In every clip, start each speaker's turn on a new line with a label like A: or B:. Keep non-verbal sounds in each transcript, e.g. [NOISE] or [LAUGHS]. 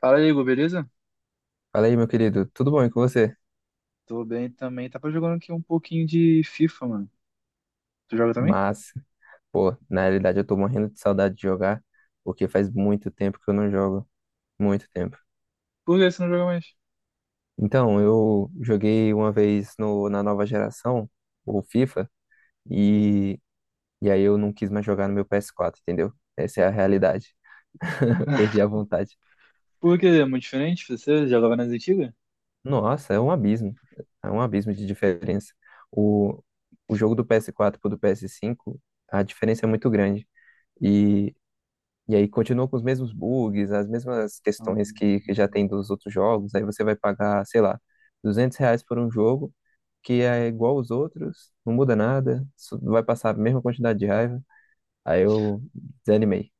A: Fala, Igor, beleza?
B: Fala aí, meu querido, tudo bom e com você?
A: Tô bem também. Tava jogando aqui um pouquinho de FIFA, mano. Tu joga também?
B: Mas, pô, na realidade eu tô morrendo de saudade de jogar, porque faz muito tempo que eu não jogo, muito tempo.
A: Por que você não joga mais?
B: Então, eu joguei uma vez no, na nova geração, o FIFA, e, e aí eu não quis mais jogar no meu PS4, entendeu? Essa é a realidade, [LAUGHS] perdi a vontade.
A: Por que é muito diferente? Você jogava nas antigas?
B: Nossa, é um abismo de diferença. O, o jogo do PS4 pro do PS5, a diferença é muito grande. E E aí continua com os mesmos bugs, as mesmas questões que já
A: Hum.
B: tem dos outros jogos. Aí você vai pagar, sei lá, R$ 200 por um jogo que é igual aos outros, não muda nada, só vai passar a mesma quantidade de raiva. Aí eu desanimei.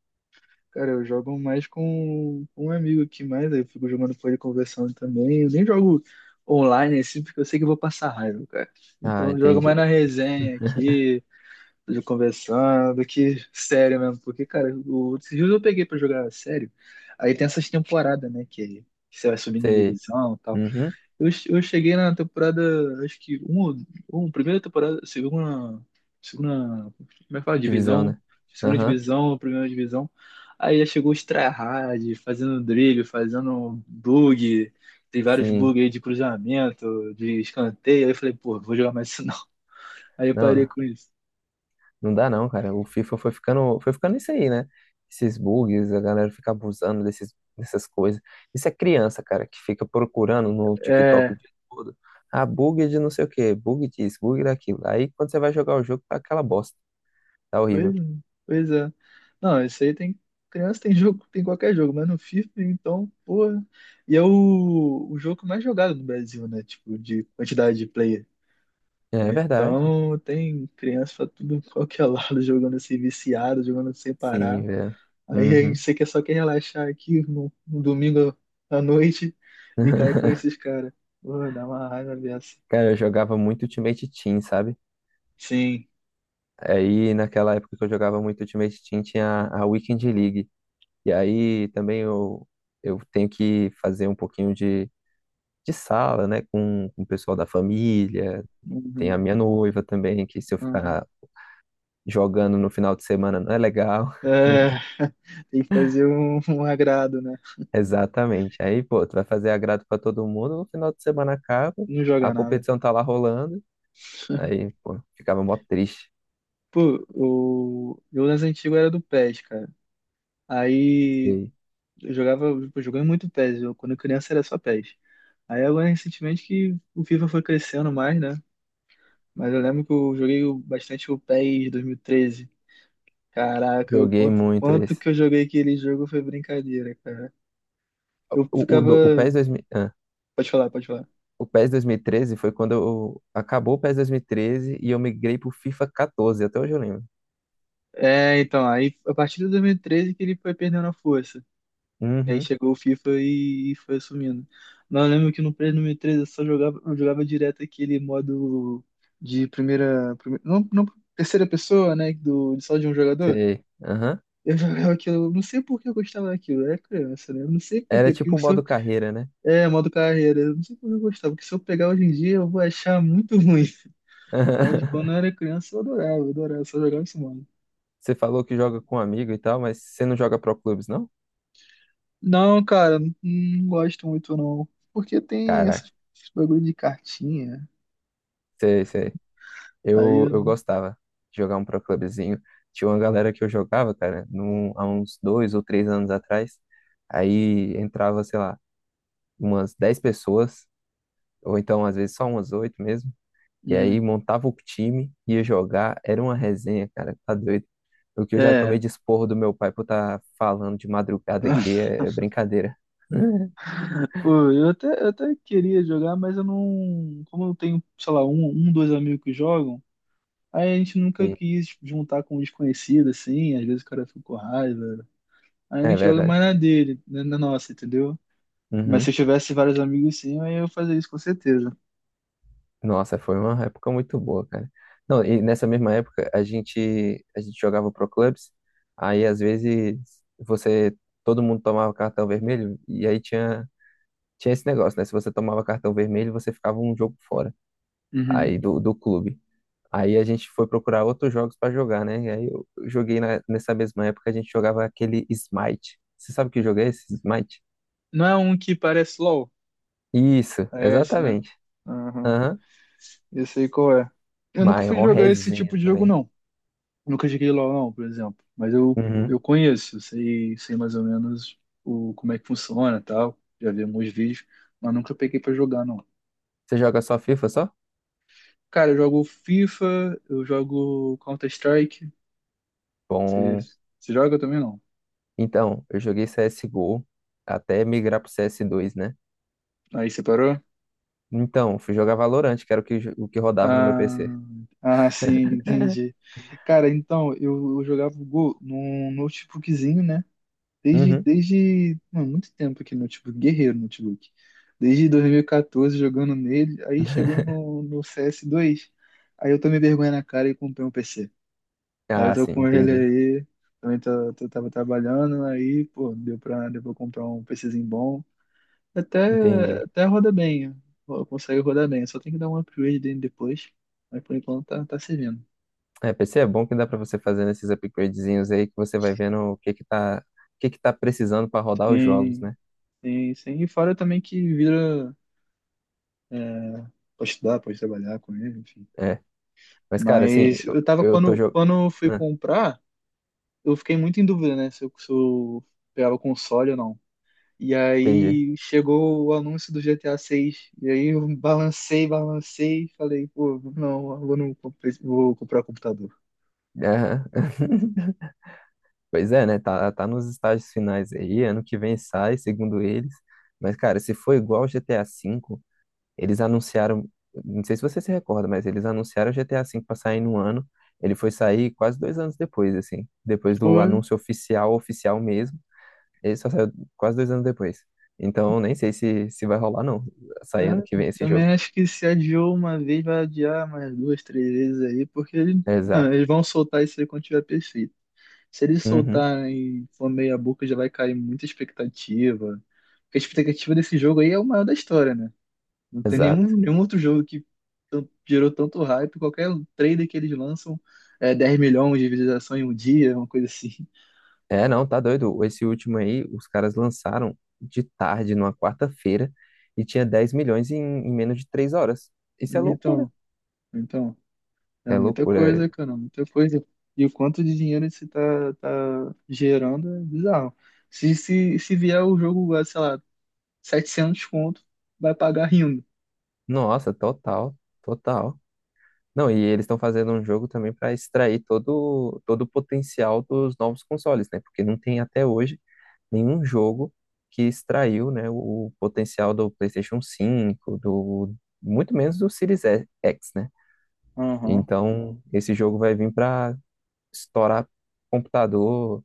A: Cara, eu jogo mais com um amigo aqui mais, aí eu fico jogando com ele conversando também. Eu nem jogo online assim, porque eu sei que eu vou passar raiva, cara.
B: Ah,
A: Então eu jogo mais na
B: entendi.
A: resenha aqui, de conversando, que sério mesmo. Porque, cara, esses dias eu peguei pra jogar sério. Aí tem essas temporadas, né, que você vai subindo em
B: Sei.
A: divisão e tal.
B: Uhum.
A: Eu cheguei na temporada, acho que um primeira temporada, segunda, como é que fala?
B: Divisão,
A: Divisão,
B: né?
A: segunda
B: Aham.
A: divisão, primeira divisão. Aí já chegou os tryhard, fazendo drible, fazendo bug, tem vários
B: Sim.
A: bugs aí de cruzamento, de escanteio. Aí eu falei, pô, vou jogar mais isso não. [LAUGHS] Aí eu parei
B: Não.
A: com isso.
B: Não dá não, cara. O FIFA foi ficando isso aí, né? Esses bugs, a galera fica abusando dessas coisas. Isso é criança, cara, que fica procurando no TikTok
A: É.
B: o dia todo. Ah, bug de não sei o quê, bug disso, bug daquilo. Aí quando você vai jogar o jogo, tá aquela bosta. Tá
A: Pois,
B: horrível.
A: pois é. Não, isso aí tem. Criança tem [LAUGHS] jogo, tem qualquer jogo, mas no FIFA, então, porra. E é o jogo mais jogado no Brasil, né? Tipo, de quantidade de player.
B: É verdade.
A: Então, tem criança pra tudo, qualquer lado, [LAUGHS] jogando assim, viciado, jogando sem
B: Sim,
A: parar.
B: velho.
A: Aí a gente
B: Uhum.
A: sei que só quer relaxar aqui no domingo à noite e cair com
B: [LAUGHS]
A: esses caras. Porra, dá uma raiva dessa.
B: Cara, eu jogava muito Ultimate Team, sabe?
A: Sim.
B: Aí naquela época que eu jogava muito Ultimate Team tinha a Weekend League. E aí também eu tenho que fazer um pouquinho de sala, né, com o pessoal da família. Tem a
A: Uhum,
B: minha noiva também, que se eu
A: uhum.
B: ficar jogando no final de semana não é legal. [LAUGHS]
A: É, tem que fazer um agrado, né?
B: Exatamente. Aí, pô, tu vai fazer agrado pra todo mundo, no final de semana acaba,
A: Não
B: a
A: joga nada.
B: competição tá lá rolando.
A: [LAUGHS]
B: Aí, pô, ficava mó triste.
A: Pô, eu nas antigas era do PES, cara. Aí
B: E
A: eu jogava, pô, jogando muito PES. Eu, quando criança era só PES. Aí agora recentemente que o FIFA foi crescendo mais, né? Mas eu lembro que eu joguei bastante o PES 2013. Caraca, eu,
B: joguei
A: quanto,
B: muito
A: quanto
B: esse.
A: que eu joguei aquele jogo foi brincadeira, cara. Eu
B: O
A: ficava.
B: PES 2000,
A: Pode falar, pode falar.
B: o PES 2013 foi quando acabou o PES 2013 e treze e eu migrei pro FIFA 14, até hoje eu lembro.
A: É, então, aí a partir de 2013 que ele foi perdendo a força. Aí
B: Uhum,
A: chegou o FIFA e foi assumindo. Não, eu lembro que no Play número 3 eu só jogava, eu jogava direto aquele modo de primeira, não, não terceira pessoa, né, do só de um jogador.
B: sei. Aham.
A: Eu [LAUGHS] jogava aquilo, eu não sei por que eu gostava daquilo, eu era criança, né? Eu não sei por
B: Era
A: quê,
B: tipo
A: porque
B: o
A: se
B: modo
A: eu,
B: carreira, né?
A: é modo carreira, eu não sei por que eu gostava, porque se eu pegar hoje em dia eu vou achar muito [LAUGHS] ruim. Mas quando eu era
B: [LAUGHS]
A: criança eu adorava, só jogava esse modo.
B: Você falou que joga com um amigo e tal, mas você não joga pro clubes, não?
A: Não, cara, não, não gosto muito não, porque tem
B: Caraca,
A: essas bagulho de cartinha.
B: sei, sei.
A: Aí
B: Eu,
A: eu.
B: eu gostava de jogar um pro clubezinho. Tinha uma galera que eu jogava, cara, há uns 2 ou 3 anos atrás. Aí entrava, sei lá, umas 10 pessoas, ou então às vezes só umas oito mesmo. E aí
A: Uhum.
B: montava o time, ia jogar. Era uma resenha, cara, tá doido. O que eu já tomei
A: É.
B: de esporro do meu pai por estar falando de madrugada aqui
A: [LAUGHS]
B: é brincadeira. [LAUGHS]
A: Pô, eu até queria jogar, mas eu não. Como eu tenho, sei lá, um, dois amigos que jogam, aí a gente nunca
B: Sei.
A: quis juntar com um desconhecido, assim. Às vezes o cara fica com raiva. Aí a
B: É
A: gente joga mais
B: verdade.
A: na dele, na nossa, entendeu? Mas se eu
B: Uhum.
A: tivesse vários amigos, sim, aí eu fazia isso com certeza.
B: Nossa, foi uma época muito boa, cara. Não, e nessa mesma época a gente jogava pro clubes, aí às vezes você todo mundo tomava cartão vermelho e aí tinha esse negócio, né? Se você tomava cartão vermelho, você ficava um jogo fora
A: Uhum.
B: aí do clube. Aí a gente foi procurar outros jogos pra jogar, né? E aí eu joguei nessa mesma época a gente jogava aquele Smite. Você sabe que jogo é esse? Smite?
A: Não é um que parece LOL?
B: Isso,
A: É esse, né?
B: exatamente.
A: Aham.
B: Aham.
A: Eu sei qual é. Eu nunca fui
B: Maior
A: jogar esse tipo
B: resenha
A: de jogo,
B: também.
A: não. Nunca joguei LoL, não, por exemplo. Mas eu,
B: Uhum.
A: eu conheço, eu sei mais ou menos como é que funciona e tal. Já vi alguns vídeos, mas nunca peguei pra jogar, não.
B: Você joga só FIFA só?
A: Cara, eu jogo FIFA, eu jogo Counter-Strike. Você
B: Bom,
A: você joga também, não?
B: então, eu joguei CSGO até migrar pro CS2, né?
A: Aí você parou?
B: Então, fui jogar Valorant, que era o que rodava no meu PC.
A: Ah, ah, sim, [LAUGHS] entendi. Cara, então, eu jogava o Go num notebookzinho, né? Desde,
B: Uhum.
A: desde mano, muito tempo aqui no notebook, guerreiro no notebook. Desde 2014 jogando nele, aí chegou no CS2, aí eu tomei vergonha na cara e comprei um PC. Aí eu
B: Ah,
A: tô
B: sim,
A: com ele
B: entendi.
A: aí, também tava trabalhando, aí, pô, deu pra comprar um PCzinho bom. Até,
B: Entendi.
A: até roda bem, ó, consegue rodar bem, só tem que dar um upgrade dele depois, mas por enquanto tá servindo.
B: É, PC é bom que dá pra você fazer esses upgradezinhos aí que você vai vendo o que que tá, o que que tá precisando pra rodar os jogos,
A: Sim,
B: né?
A: sim, sim. E fora também que vira. É. Pode estudar, pode trabalhar com ele, enfim.
B: É. Mas, cara, assim,
A: Mas
B: eu,
A: eu tava,
B: eu tô
A: quando,
B: jogando.
A: quando eu fui comprar, eu fiquei muito em dúvida, né? Se eu pegava o console ou não. E
B: Entendi.
A: aí chegou o anúncio do GTA 6. E aí eu balancei, balancei e falei, pô, não, eu vou, não comprei- vou comprar computador.
B: Aham. [LAUGHS] Pois é, né? Tá nos estágios finais aí. Ano que vem sai, segundo eles. Mas, cara, se for igual ao GTA V. Eles anunciaram, não sei se você se recorda, mas eles anunciaram o GTA V para sair no ano. Ele foi sair quase 2 anos depois, assim. Depois do
A: Pô,
B: anúncio oficial, oficial mesmo. Ele só saiu quase 2 anos depois. Então, nem sei se vai rolar, não.
A: é,
B: Sair ano que vem esse jogo.
A: também acho que se adiou uma vez, vai adiar mais duas, três vezes aí, porque
B: Exato.
A: mano, eles vão soltar isso aí quando tiver PC. Se eles
B: Uhum,
A: soltarem for meia boca, já vai cair muita expectativa. Porque a expectativa desse jogo aí é o maior da história, né? Não tem
B: exato.
A: nenhum outro jogo que gerou tanto hype. Qualquer trailer que eles lançam é 10 milhões de visualizações em um dia, uma coisa assim. [LAUGHS]
B: É, não, tá doido. Esse último aí, os caras lançaram de tarde, numa quarta-feira, e tinha 10 milhões em menos de 3 horas. Isso é loucura.
A: Então, então, é
B: É
A: muita
B: loucura.
A: coisa, cara, muita coisa. E o quanto de dinheiro isso tá gerando é bizarro. Se vier o jogo, ah, sei lá, 700 conto, vai pagar rindo.
B: Nossa, total, total. Não, e eles estão fazendo um jogo também para extrair todo, todo o potencial dos novos consoles, né? Porque não tem até hoje nenhum jogo que extraiu, né, o potencial do PlayStation 5, do muito menos do Series X, né?
A: Aham.
B: Então, esse jogo vai vir para estourar computador,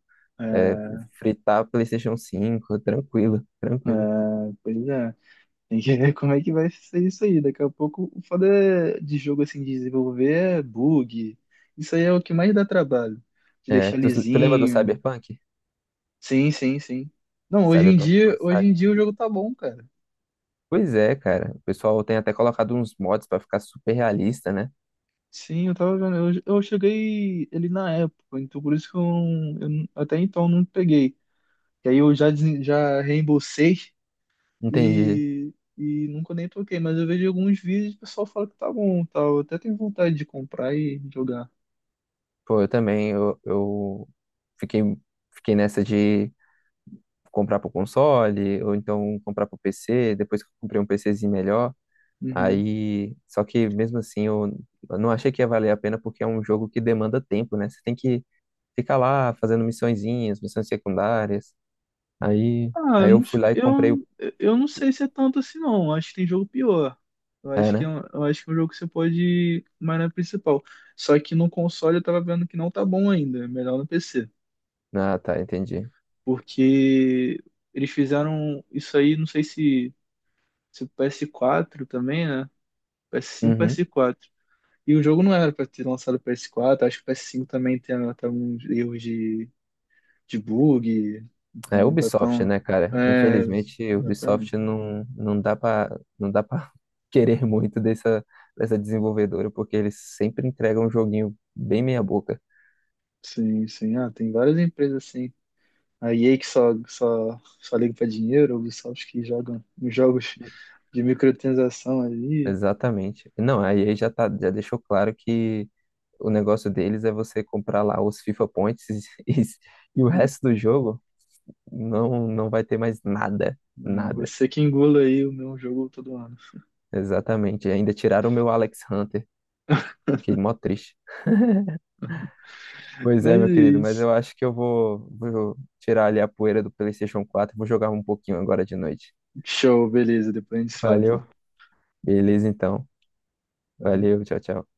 B: é, fritar PlayStation 5, tranquilo, tranquilo.
A: Ah, pois é. Tem que ver [LAUGHS] como é que vai ser isso aí. Daqui a pouco, o foda é de jogo assim, de desenvolver é bug. Isso aí é o que mais dá trabalho. De
B: É,
A: deixar
B: tu lembra do
A: lisinho.
B: Cyberpunk?
A: Sim, sim, sim. Não,
B: Cyberpunk quando sai.
A: hoje em dia o jogo tá bom, cara.
B: Pois é, cara. O pessoal tem até colocado uns mods para ficar super realista, né?
A: Sim, eu tava vendo. Eu cheguei ele na época, então por isso que eu não- até então não peguei. E aí eu já reembolsei.
B: Entendi.
A: E nunca nem toquei, mas eu vejo alguns vídeos e o pessoal fala que tá bom, e tal. Eu até tenho vontade de comprar e jogar.
B: Pô, eu também, eu fiquei, fiquei nessa de comprar pro console, ou então comprar pro PC, depois que eu comprei um PCzinho melhor,
A: Uhum.
B: aí, só que mesmo assim eu não achei que ia valer a pena porque é um jogo que demanda tempo, né? Você tem que ficar lá fazendo missõezinhas, missões secundárias, aí,
A: Ah,
B: aí
A: não
B: eu fui
A: s-
B: lá e
A: eu,
B: comprei o...
A: eu não sei se é tanto assim, não. Acho que tem jogo pior. Eu
B: É,
A: acho que é
B: né?
A: um, eu acho que é um jogo que você pode ir mais na principal. Só que no console eu tava vendo que não tá bom ainda. É melhor no PC.
B: Ah, tá, entendi.
A: Porque eles fizeram isso aí, não sei se o PS4 também, né? PS5,
B: Uhum.
A: PS4. E o jogo não era pra ter lançado pro PS4, acho que o PS5 também tem até alguns erros de bug, então
B: É
A: não tá
B: Ubisoft,
A: tão.
B: né, cara?
A: É,
B: Infelizmente,
A: exatamente.
B: Ubisoft não dá pra não dá para [LAUGHS] querer muito dessa desenvolvedora, porque eles sempre entregam um joguinho bem meia boca.
A: Sim, sim. Ah, tem várias empresas assim. A EA que só liga pra dinheiro, a Ubisoft que jogam uns jogos de microtransação ali.
B: Exatamente. Não, a EA já deixou claro que o negócio deles é você comprar lá os FIFA Points, [LAUGHS] e, e o
A: Hum,
B: resto do jogo não vai ter mais nada,
A: hum.
B: nada.
A: Você que engula aí o meu jogo todo ano.
B: Exatamente. E ainda tiraram o meu Alex Hunter, que é mó triste. Pois é,
A: Mas
B: meu
A: é
B: querido, mas
A: isso.
B: eu acho que eu vou tirar ali a poeira do PlayStation 4 e vou jogar um pouquinho agora de noite.
A: Show, beleza. Depois a gente se fala então.
B: Valeu? Beleza, então.
A: Valeu.
B: Valeu, tchau, tchau.